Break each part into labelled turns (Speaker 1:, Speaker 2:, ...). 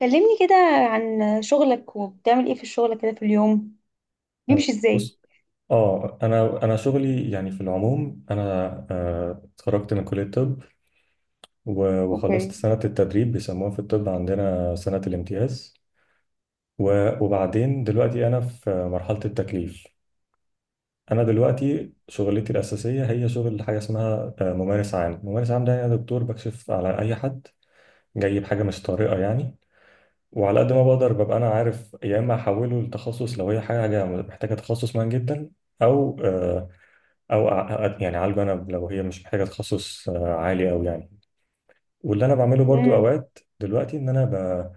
Speaker 1: كلمني كده عن شغلك وبتعمل ايه في الشغل كده في اليوم. بيمشي ازاي؟
Speaker 2: بص، اه انا شغلي يعني في العموم انا اتخرجت من كليه الطب. وخلصت
Speaker 1: اوكي.
Speaker 2: سنه التدريب بيسموها في الطب عندنا سنه الامتياز. وبعدين دلوقتي انا في مرحله التكليف. انا دلوقتي شغلتي الاساسيه هي شغل حاجه اسمها ممارس عام. ممارس عام ده انا دكتور بكشف على اي حد جاي بحاجه مش طارئه يعني. وعلى قد ما بقدر ببقى انا عارف يا اما احوله لتخصص لو هي حاجه محتاجه تخصص مهم جدا او آه، او يعني اعالجه انا لو هي مش محتاجه تخصص عالي او يعني. واللي انا بعمله برضو
Speaker 1: امم.
Speaker 2: اوقات دلوقتي ان انا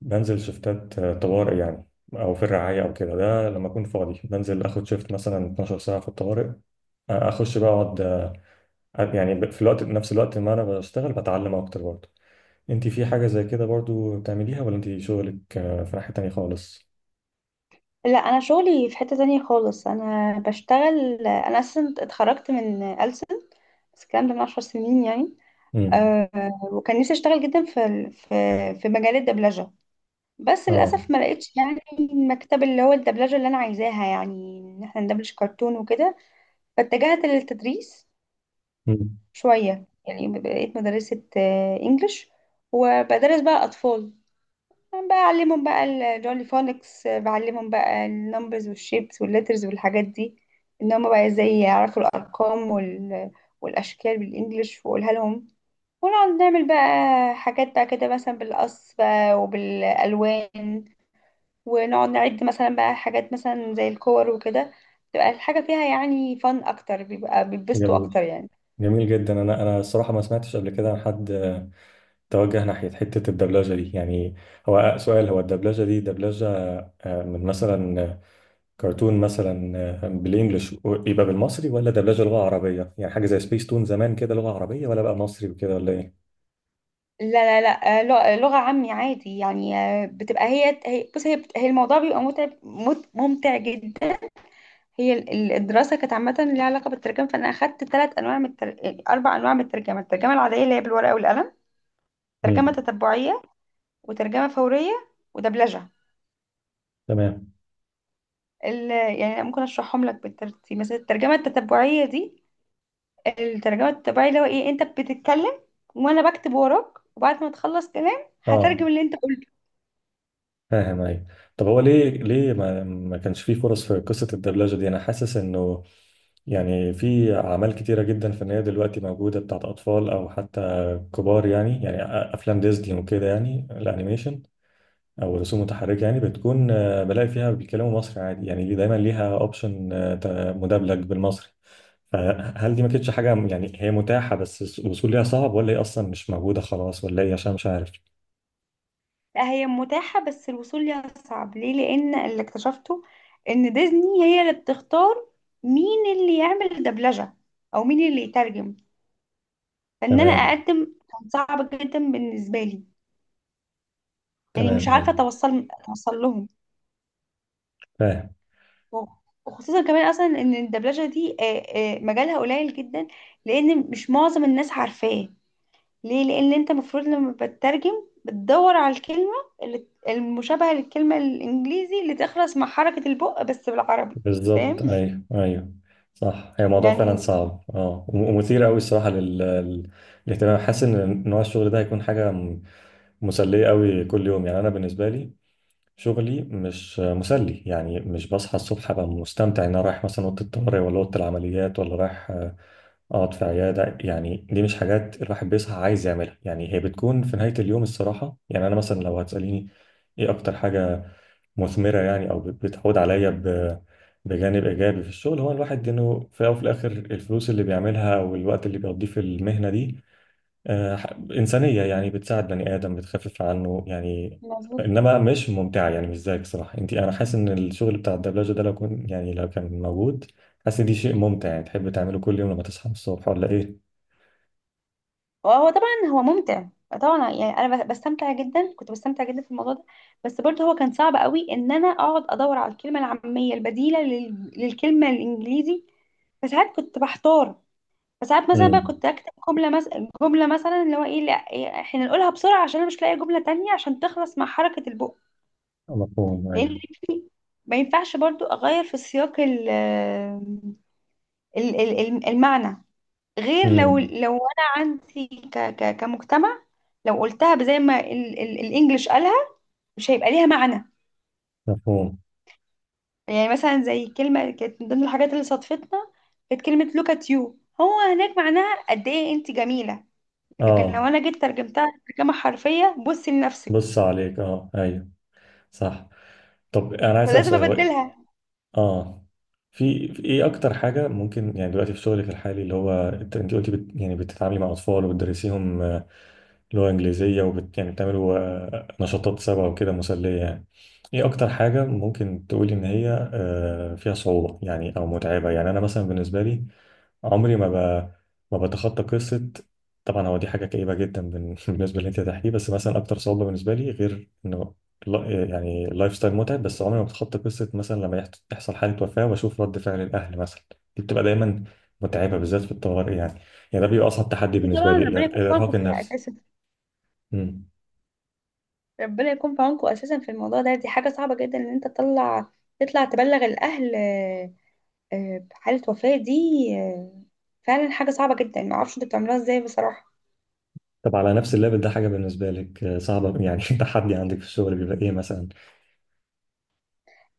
Speaker 2: بنزل شفتات طوارئ يعني. او في الرعايه او كده ده لما اكون فاضي بنزل اخد شفت مثلا 12 ساعه في الطوارئ اخش بقى اقعد. يعني ب- في الوقت نفس الوقت ما انا بشتغل بتعلم اكتر برضو. انت في حاجه زي كده برضو بتعمليها ولا انت شغلك في ناحيه تانيه خالص؟
Speaker 1: لا، انا شغلي في حتة تانية خالص. انا بشتغل، انا اصلا اتخرجت من ألسن بس الكلام ده من 10 سنين يعني.
Speaker 2: امم.
Speaker 1: أه، وكان نفسي اشتغل جدا في في مجال الدبلجة، بس
Speaker 2: اه.
Speaker 1: للاسف ما لقيتش يعني المكتب اللي هو الدبلجة اللي انا عايزاها، يعني ان احنا ندبلج كرتون وكده. فاتجهت للتدريس
Speaker 2: مم.
Speaker 1: شوية يعني، بقيت مدرسة انجليش وبدرس بقى أطفال. أنا بقى أعلمهم بقى الجولي فونكس، بعلمهم بقى النمبرز والشيبس والليترز والحاجات دي. إن هما بقى إزاي يعرفوا الأرقام والأشكال بالإنجليش وأقولها لهم. ونقعد نعمل بقى حاجات بقى كده، مثلا بالقص بقى وبالألوان. ونقعد نعد مثلا بقى حاجات مثلا زي الكور وكده. تبقى الحاجة فيها يعني فن أكتر، بيبقى بيتبسطوا أكتر
Speaker 2: جميل.
Speaker 1: يعني.
Speaker 2: جميل جدا، انا الصراحه ما سمعتش قبل كده عن حد توجه ناحية حتة الدبلجة دي يعني. هو سؤال، هو الدبلجة دي دبلجة من مثلا كرتون مثلا بالإنجلش يبقى بالمصري، ولا دبلجة لغة عربية يعني حاجة زي سبيس تون زمان كده لغة عربية، ولا بقى مصري وكده ولا إيه؟
Speaker 1: لا، لا، لا، لغة عامي عادي يعني. بتبقى بص، هي الموضوع بيبقى ممتع جدا. هي الدراسة كانت عامة ليها علاقة بالترجمة. فأنا أخدت ثلاث أنواع من التر... آه، أربع أنواع من الترجمة: الترجمة العادية اللي هي بالورقة والقلم، ترجمة
Speaker 2: مم.
Speaker 1: تتبعية، وترجمة فورية، ودبلجة.
Speaker 2: تمام.
Speaker 1: يعني أنا ممكن أشرحهم لك بالترتيب. مثلا الترجمة التتبعية دي، الترجمة التتبعية اللي هو إيه، أنت بتتكلم وأنا بكتب وراك، وبعد ما تخلص كلام
Speaker 2: اه،
Speaker 1: هترجم اللي أنت.
Speaker 2: فاهم. أيوة. طب هو ليه ما كانش فيه فرص في قصة الدبلجة دي؟ أنا حاسس إنه يعني في أعمال كتيرة جدا فنية دلوقتي موجودة بتاعت أطفال أو حتى كبار، يعني أفلام ديزني وكده، يعني الأنيميشن او رسوم متحركه، يعني بتكون بلاقي فيها بيتكلموا مصري عادي، يعني دايما ليها اوبشن مدبلج بالمصري. فهل دي ما كانتش حاجه، يعني هي متاحه بس الوصول ليها صعب، ولا هي اصلا مش موجوده خلاص، ولا ايه؟ عشان مش عارف.
Speaker 1: لا، هي متاحة بس الوصول ليها صعب. ليه؟ لأن اللي اكتشفته إن ديزني هي اللي بتختار مين اللي يعمل دبلجة أو مين اللي يترجم. فإن أنا
Speaker 2: تمام.
Speaker 1: أقدم كان صعب جدا بالنسبة لي. يعني مش
Speaker 2: تمام.
Speaker 1: عارفة
Speaker 2: ايوه،
Speaker 1: أتوصل لهم.
Speaker 2: فاهم.
Speaker 1: وخصوصا كمان أصلا إن الدبلجة دي، مجالها قليل جدا، لأن مش معظم الناس عارفاه. ليه؟ لان انت المفروض لما بتترجم، بتدور على الكلمه اللي المشابهه للكلمه الانجليزي اللي تخلص مع حركه البق بس بالعربي.
Speaker 2: بالظبط.
Speaker 1: فاهم؟
Speaker 2: ايوه، ايوه، صح. هي موضوع فعلا
Speaker 1: يعني
Speaker 2: صعب ومثير قوي الصراحه للاهتمام. حاسس ان نوع الشغل ده هيكون حاجه مسليه قوي كل يوم. يعني انا بالنسبه لي شغلي مش مسلي، يعني مش بصحى الصبح ابقى مستمتع ان انا رايح مثلا اوضه الطوارئ ولا اوضه العمليات ولا رايح اقعد في عياده. يعني دي مش حاجات الواحد بيصحى عايز يعملها. يعني هي بتكون في نهايه اليوم الصراحه. يعني انا مثلا لو هتساليني ايه اكتر حاجه مثمره، يعني او بتعود عليا بجانب ايجابي في الشغل، هو الواحد انه في الاول وفي الاخر الفلوس اللي بيعملها والوقت اللي بيقضيه في المهنه دي إنسانية، يعني بتساعد بني آدم بتخفف عنه يعني.
Speaker 1: مظبوط.
Speaker 2: إنما مش ممتعة، يعني مش زيك صراحة. أنت أنا حاسس إن الشغل بتاع الدبلجة ده لو كان موجود حاسس إن دي شيء ممتع، يعني تحب تعمله كل يوم لما تصحى من الصبح ولا إيه؟
Speaker 1: وهو طبعا هو ممتع، طبعا. يعني انا بستمتع جدا، كنت بستمتع جدا في الموضوع ده. بس برضه هو كان صعب قوي ان انا اقعد ادور على الكلمه العاميه البديله للكلمه الانجليزي. فساعات كنت بحتار. فساعات مثلا بقى
Speaker 2: امم.
Speaker 1: كنت اكتب جمله، مثلا جمله، مثلا اللي هو ايه، لا إيه، احنا نقولها بسرعه عشان انا مش لاقيه جمله تانية عشان تخلص مع حركه البق.
Speaker 2: مفهوم. أيوه.
Speaker 1: لان في ما ينفعش برضو اغير في سياق المعنى، غير لو
Speaker 2: امم.
Speaker 1: لو انا عندي ك ك كمجتمع. لو قلتها زي ما الانجليش قالها، مش هيبقى ليها معنى.
Speaker 2: مفهوم.
Speaker 1: يعني مثلا زي كلمه كانت من ضمن الحاجات اللي صادفتنا، كانت كلمه look at you. هو هناك معناها قد ايه انت جميله. لكن لو
Speaker 2: آه.
Speaker 1: انا جيت ترجمتها ترجمه حرفيه، بصي لنفسك.
Speaker 2: بص عليك. آه، أيوه، صح. طب أنا عايز أسأل
Speaker 1: ولازم
Speaker 2: سؤال، هو
Speaker 1: ابدلها.
Speaker 2: اه في ايه اكتر حاجه ممكن يعني دلوقتي في شغلك الحالي اللي هو انت قلتي يعني بتتعاملي مع اطفال وبتدرسيهم لغه انجليزيه يعني بتعملوا نشاطات سوا وكده مسليه يعني. ايه اكتر حاجه ممكن تقولي ان هي فيها صعوبه، يعني او متعبه؟ يعني انا مثلا بالنسبه لي عمري ما بتخطى قصه. طبعا هو دي حاجه كئيبه جدا بالنسبه اللي انت هتحكيه، بس مثلا اكتر صعوبه بالنسبه لي غير انه يعني اللايف ستايل متعب، بس عمري ما بتخطى قصه مثلا لما يحصل حاله وفاه واشوف رد فعل الاهل مثلا. دي بتبقى دايما متعبه بالذات في الطوارئ. يعني ده بيبقى اصعب تحدي
Speaker 1: دي
Speaker 2: بالنسبه
Speaker 1: طبعا
Speaker 2: لي،
Speaker 1: ربنا يكون في عونكم
Speaker 2: الارهاق
Speaker 1: فيها
Speaker 2: النفسي.
Speaker 1: اساسا.
Speaker 2: مم.
Speaker 1: ربنا يكون في عونكم اساسا في الموضوع ده، دي حاجه صعبه جدا ان انت تطلع تبلغ الاهل بحاله وفاه دي. آه، فعلا حاجه صعبه جدا، ما اعرفش انتوا بتعملوها ازاي بصراحه.
Speaker 2: طب على نفس الليفل ده حاجه بالنسبه لك صعبه، يعني تحدي عندك في الشغل بيبقى ايه مثلا؟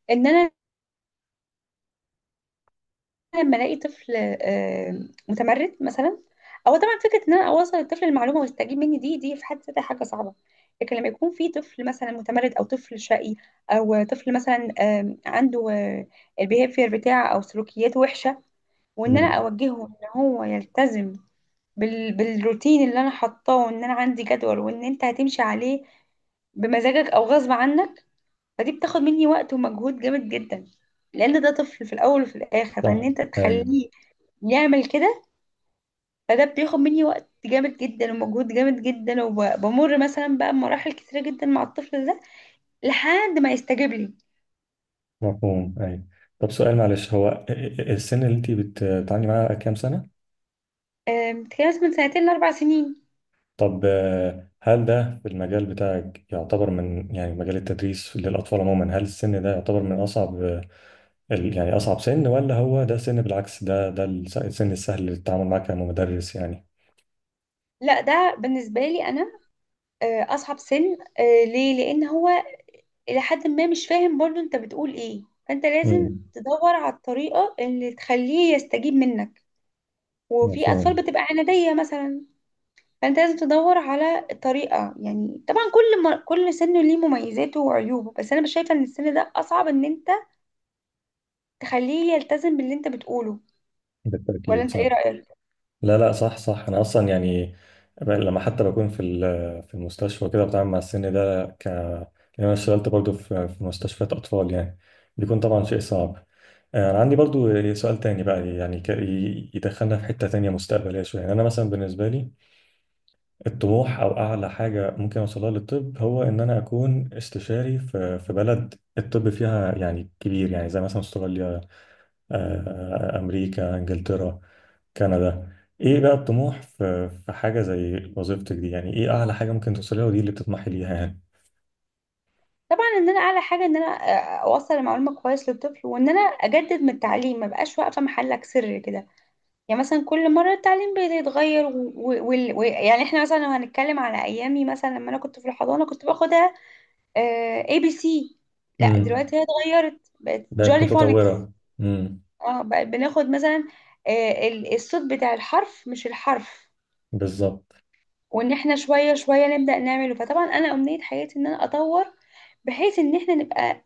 Speaker 1: ان انا لما الاقي طفل متمرد مثلا، او طبعا فكره ان انا اوصل الطفل المعلومه ويستجيب مني دي في حد ذاتها حاجه صعبه. لكن لما يكون في طفل مثلا متمرد او طفل شقي، او طفل مثلا عنده البيهيفير بتاعه او سلوكياته وحشه، وان انا
Speaker 2: مم.
Speaker 1: اوجهه ان هو يلتزم بالروتين اللي انا حطاه، وان انا عندي جدول وان انت هتمشي عليه بمزاجك او غصب عنك. فدي بتاخد مني وقت ومجهود جامد جدا، لان ده طفل في الاول وفي الاخر، فان
Speaker 2: صح.
Speaker 1: انت
Speaker 2: ايوه.
Speaker 1: تخليه يعمل كده. فده بياخد مني وقت جامد جدا ومجهود جامد جدا، وبمر مثلا بقى بمراحل كتيرة جدا مع الطفل ده لحد ما يستجيب لي.
Speaker 2: مفهوم. طب سؤال معلش، هو السن اللي أنت بتتعاملي معاه كام سنة؟
Speaker 1: بتتكلم مثلا من سنتين ل4 سنين.
Speaker 2: طب هل ده في المجال بتاعك يعتبر من يعني مجال التدريس للأطفال عموما، هل السن ده يعتبر من أصعب يعني أصعب سن، ولا هو ده سن بالعكس؟ ده السن السهل للتعامل معاه كمدرس يعني؟
Speaker 1: لا، ده بالنسبة لي أنا أصعب سن. ليه؟ لأن هو إلى حد ما مش فاهم برضو أنت بتقول إيه، فأنت لازم
Speaker 2: امم.
Speaker 1: تدور على الطريقة اللي تخليه يستجيب منك. وفي
Speaker 2: مفهوم.
Speaker 1: أطفال بتبقى عنادية مثلا. فانت لازم تدور على طريقه. يعني طبعا كل ما كل سن ليه مميزاته وعيوبه، بس انا مش شايفه ان السن ده اصعب ان انت تخليه يلتزم باللي انت بتقوله. ولا
Speaker 2: بالتأكيد،
Speaker 1: انت ايه
Speaker 2: صح.
Speaker 1: رايك؟
Speaker 2: لا، لا، صح، صح، انا اصلا يعني لما حتى بكون في المستشفى كده بتعامل مع السن ده لأن انا اشتغلت برضو في مستشفيات اطفال يعني بيكون طبعا شيء صعب. انا عندي برضو سؤال تاني بقى، يعني يدخلنا في حتة تانية مستقبلية شوية. يعني انا مثلا بالنسبة لي الطموح او اعلى حاجة ممكن اوصلها للطب هو ان انا اكون استشاري في بلد الطب فيها يعني كبير، يعني زي مثلا استراليا، آه، امريكا، انجلترا، كندا. ايه بقى الطموح في حاجة زي وظيفتك دي؟ يعني ايه اعلى حاجة ممكن توصليها ودي اللي بتطمحي ليها يعني؟
Speaker 1: طبعا ان انا اعلى حاجه ان انا اوصل المعلومه كويس للطفل، وان انا اجدد من التعليم، ما بقاش واقفه محلك سر كده. يعني مثلا كل مره التعليم بيتغير يعني احنا مثلا لو هنتكلم على ايامي، مثلا لما انا كنت في الحضانه كنت باخدها ABC. لا
Speaker 2: امم.
Speaker 1: دلوقتي هي اتغيرت، بقت
Speaker 2: بقت
Speaker 1: جولي فونكس.
Speaker 2: متطورة. امم.
Speaker 1: اه، بقى بناخد مثلا الصوت بتاع الحرف مش الحرف.
Speaker 2: بالظبط.
Speaker 1: وان احنا شوية شوية نبدأ نعمله. فطبعا انا امنية حياتي ان انا اطور، بحيث ان احنا نبقى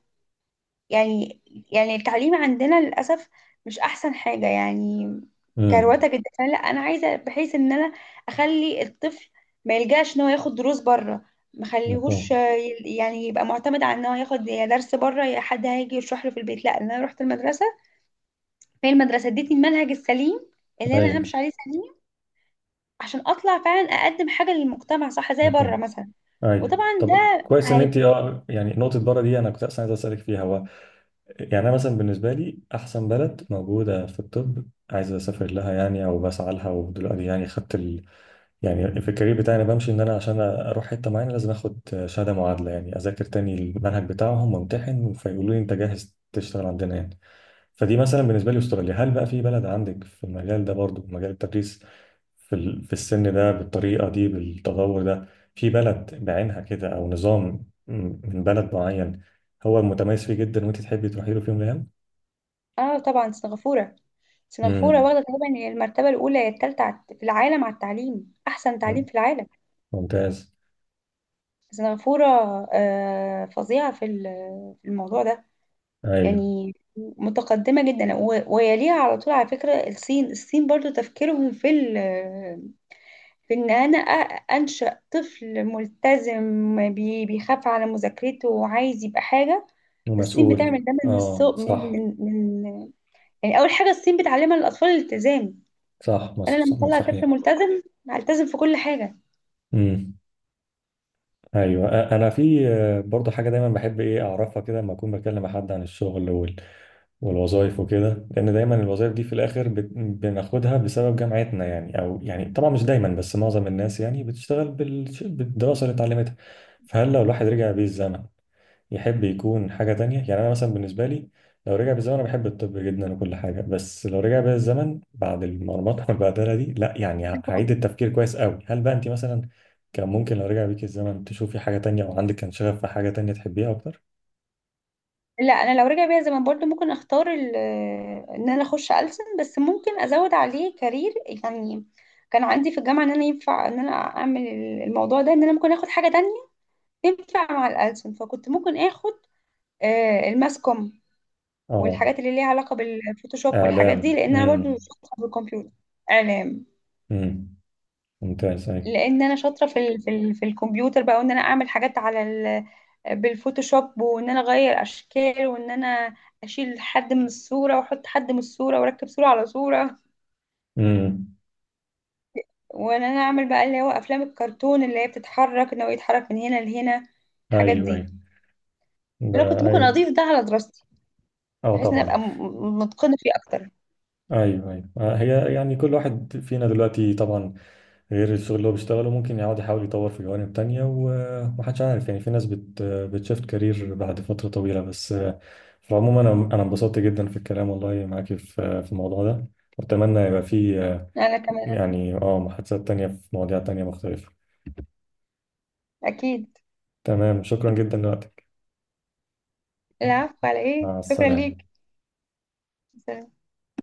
Speaker 1: يعني. التعليم عندنا للأسف مش احسن حاجة يعني،
Speaker 2: امم.
Speaker 1: كروته جدا. لا، انا عايزة بحيث ان انا اخلي الطفل ما يلجاش ان هو ياخد دروس بره. مخليهوش
Speaker 2: مفهوم.
Speaker 1: يعني يبقى معتمد على ان هو ياخد يا درس بره يا حد هيجي يشرح له في البيت. لا إن انا رحت المدرسة، فهي المدرسة ادتني المنهج السليم اللي انا
Speaker 2: ايوه،
Speaker 1: همشي عليه سليم، عشان اطلع فعلا اقدم حاجة للمجتمع صح زي بره
Speaker 2: مفهوم.
Speaker 1: مثلا.
Speaker 2: ايوه،
Speaker 1: وطبعا
Speaker 2: طب
Speaker 1: ده
Speaker 2: كويس ان انت
Speaker 1: هيبقى.
Speaker 2: يعني نقطة بره دي انا كنت اصلا عايز اسالك فيها، هو يعني انا مثلا بالنسبة لي احسن بلد موجودة في الطب عايز اسافر لها، يعني او بسعى لها، ودلوقتي يعني خدت يعني في الكارير بتاعي انا بمشي ان انا عشان اروح حته معينه لازم اخد شهاده معادله، يعني اذاكر تاني المنهج بتاعهم وامتحن فيقولوا لي انت جاهز تشتغل عندنا يعني. فدي مثلا بالنسبه لي استراليا. هل بقى في بلد عندك في المجال ده برضو، مجال التدريس في السن ده بالطريقه دي بالتطور ده، في بلد بعينها كده او نظام من بلد معين هو متميز فيه جدا وانت تحبي تروحي له في يوم من الايام؟
Speaker 1: اه، طبعا سنغافورة. سنغافورة
Speaker 2: امم.
Speaker 1: واخدة تقريبا المرتبة الأولى يا التالتة في العالم على التعليم، أحسن تعليم في العالم.
Speaker 2: ممتاز.
Speaker 1: سنغافورة فظيعة في في الموضوع ده،
Speaker 2: ايوه،
Speaker 1: يعني متقدمة جدا ويليها على طول، على فكرة الصين. الصين برضو تفكيرهم في في ان انا انشأ طفل ملتزم بيخاف على مذاكرته وعايز يبقى حاجة. الصين
Speaker 2: ومسؤول،
Speaker 1: بتعمل ده من
Speaker 2: اه،
Speaker 1: السوق، من
Speaker 2: صح.
Speaker 1: من من يعني اول حاجة الصين بتعلمها للاطفال الالتزام.
Speaker 2: صح،
Speaker 1: انا لما اطلع
Speaker 2: صح،
Speaker 1: طفل ملتزم، هلتزم في كل حاجة.
Speaker 2: صحيح. ايوه، انا في برضه حاجه دايما بحب ايه اعرفها كده لما اكون بكلم حد عن الشغل والوظائف وكده، لان دايما الوظائف دي في الاخر بناخدها بسبب جامعتنا يعني او يعني طبعا مش دايما، بس معظم الناس يعني بتشتغل بالدراسه اللي اتعلمتها. فهل لو الواحد رجع بيه الزمن يحب يكون حاجة تانية؟ يعني أنا مثلا بالنسبة لي لو رجع بالزمن، أنا بحب الطب جدا وكل حاجة، بس لو رجع بيا الزمن بعد المرمطة والبهدلة دي، لا يعني هعيد التفكير كويس قوي. هل بقى أنت مثلا كان ممكن لو رجع بيك الزمن تشوفي حاجة تانية، أو عندك كان شغف في حاجة تانية تحبيها أكتر؟
Speaker 1: لا، انا لو رجع بيا زمان برضو ممكن اختار ان انا اخش ألسن، بس ممكن ازود عليه كارير. يعني كان عندي في الجامعه ان انا ينفع ان انا اعمل الموضوع ده، ان انا ممكن اخد حاجه تانية تنفع مع الألسن. فكنت ممكن اخد الماس كوم
Speaker 2: آه.
Speaker 1: والحاجات اللي ليها علاقة بالفوتوشوب والحاجات دي،
Speaker 2: إعلام.
Speaker 1: لان انا برضو
Speaker 2: أمم.
Speaker 1: شاطرة في الكمبيوتر. اعلام.
Speaker 2: أمم. ممتاز. أيوه.
Speaker 1: لان انا شاطرة في الكمبيوتر بقى، وان انا اعمل حاجات على بالفوتوشوب، وان انا اغير اشكال، وان انا اشيل حد من الصورة واحط حد من الصورة واركب صورة على صورة،
Speaker 2: أمم.
Speaker 1: وان انا اعمل بقى اللي هو افلام الكرتون اللي هي بتتحرك، ان هو يتحرك من هنا لهنا الحاجات
Speaker 2: أيوه. أيوه،
Speaker 1: دي. انا كنت
Speaker 2: ده
Speaker 1: ممكن
Speaker 2: أيوه.
Speaker 1: اضيف ده على دراستي،
Speaker 2: أه،
Speaker 1: بحيث ان
Speaker 2: طبعا.
Speaker 1: ابقى متقنة فيه اكتر.
Speaker 2: أيوه، أيوه، هي يعني كل واحد فينا دلوقتي طبعا غير الشغل اللي هو بيشتغله ممكن يقعد يحاول يطور في جوانب تانية ومحدش عارف، يعني في ناس بتشفت كارير بعد فترة طويلة، بس في العموم أنا انبسطت جدا في الكلام والله معاكي في الموضوع ده. وأتمنى يبقى في
Speaker 1: انا كمان.
Speaker 2: يعني محادثات تانية في مواضيع تانية مختلفة.
Speaker 1: اكيد.
Speaker 2: تمام. شكرا جدا لوقتك.
Speaker 1: العفو، على ايه،
Speaker 2: مع
Speaker 1: شكرا
Speaker 2: السلامة.
Speaker 1: ليك.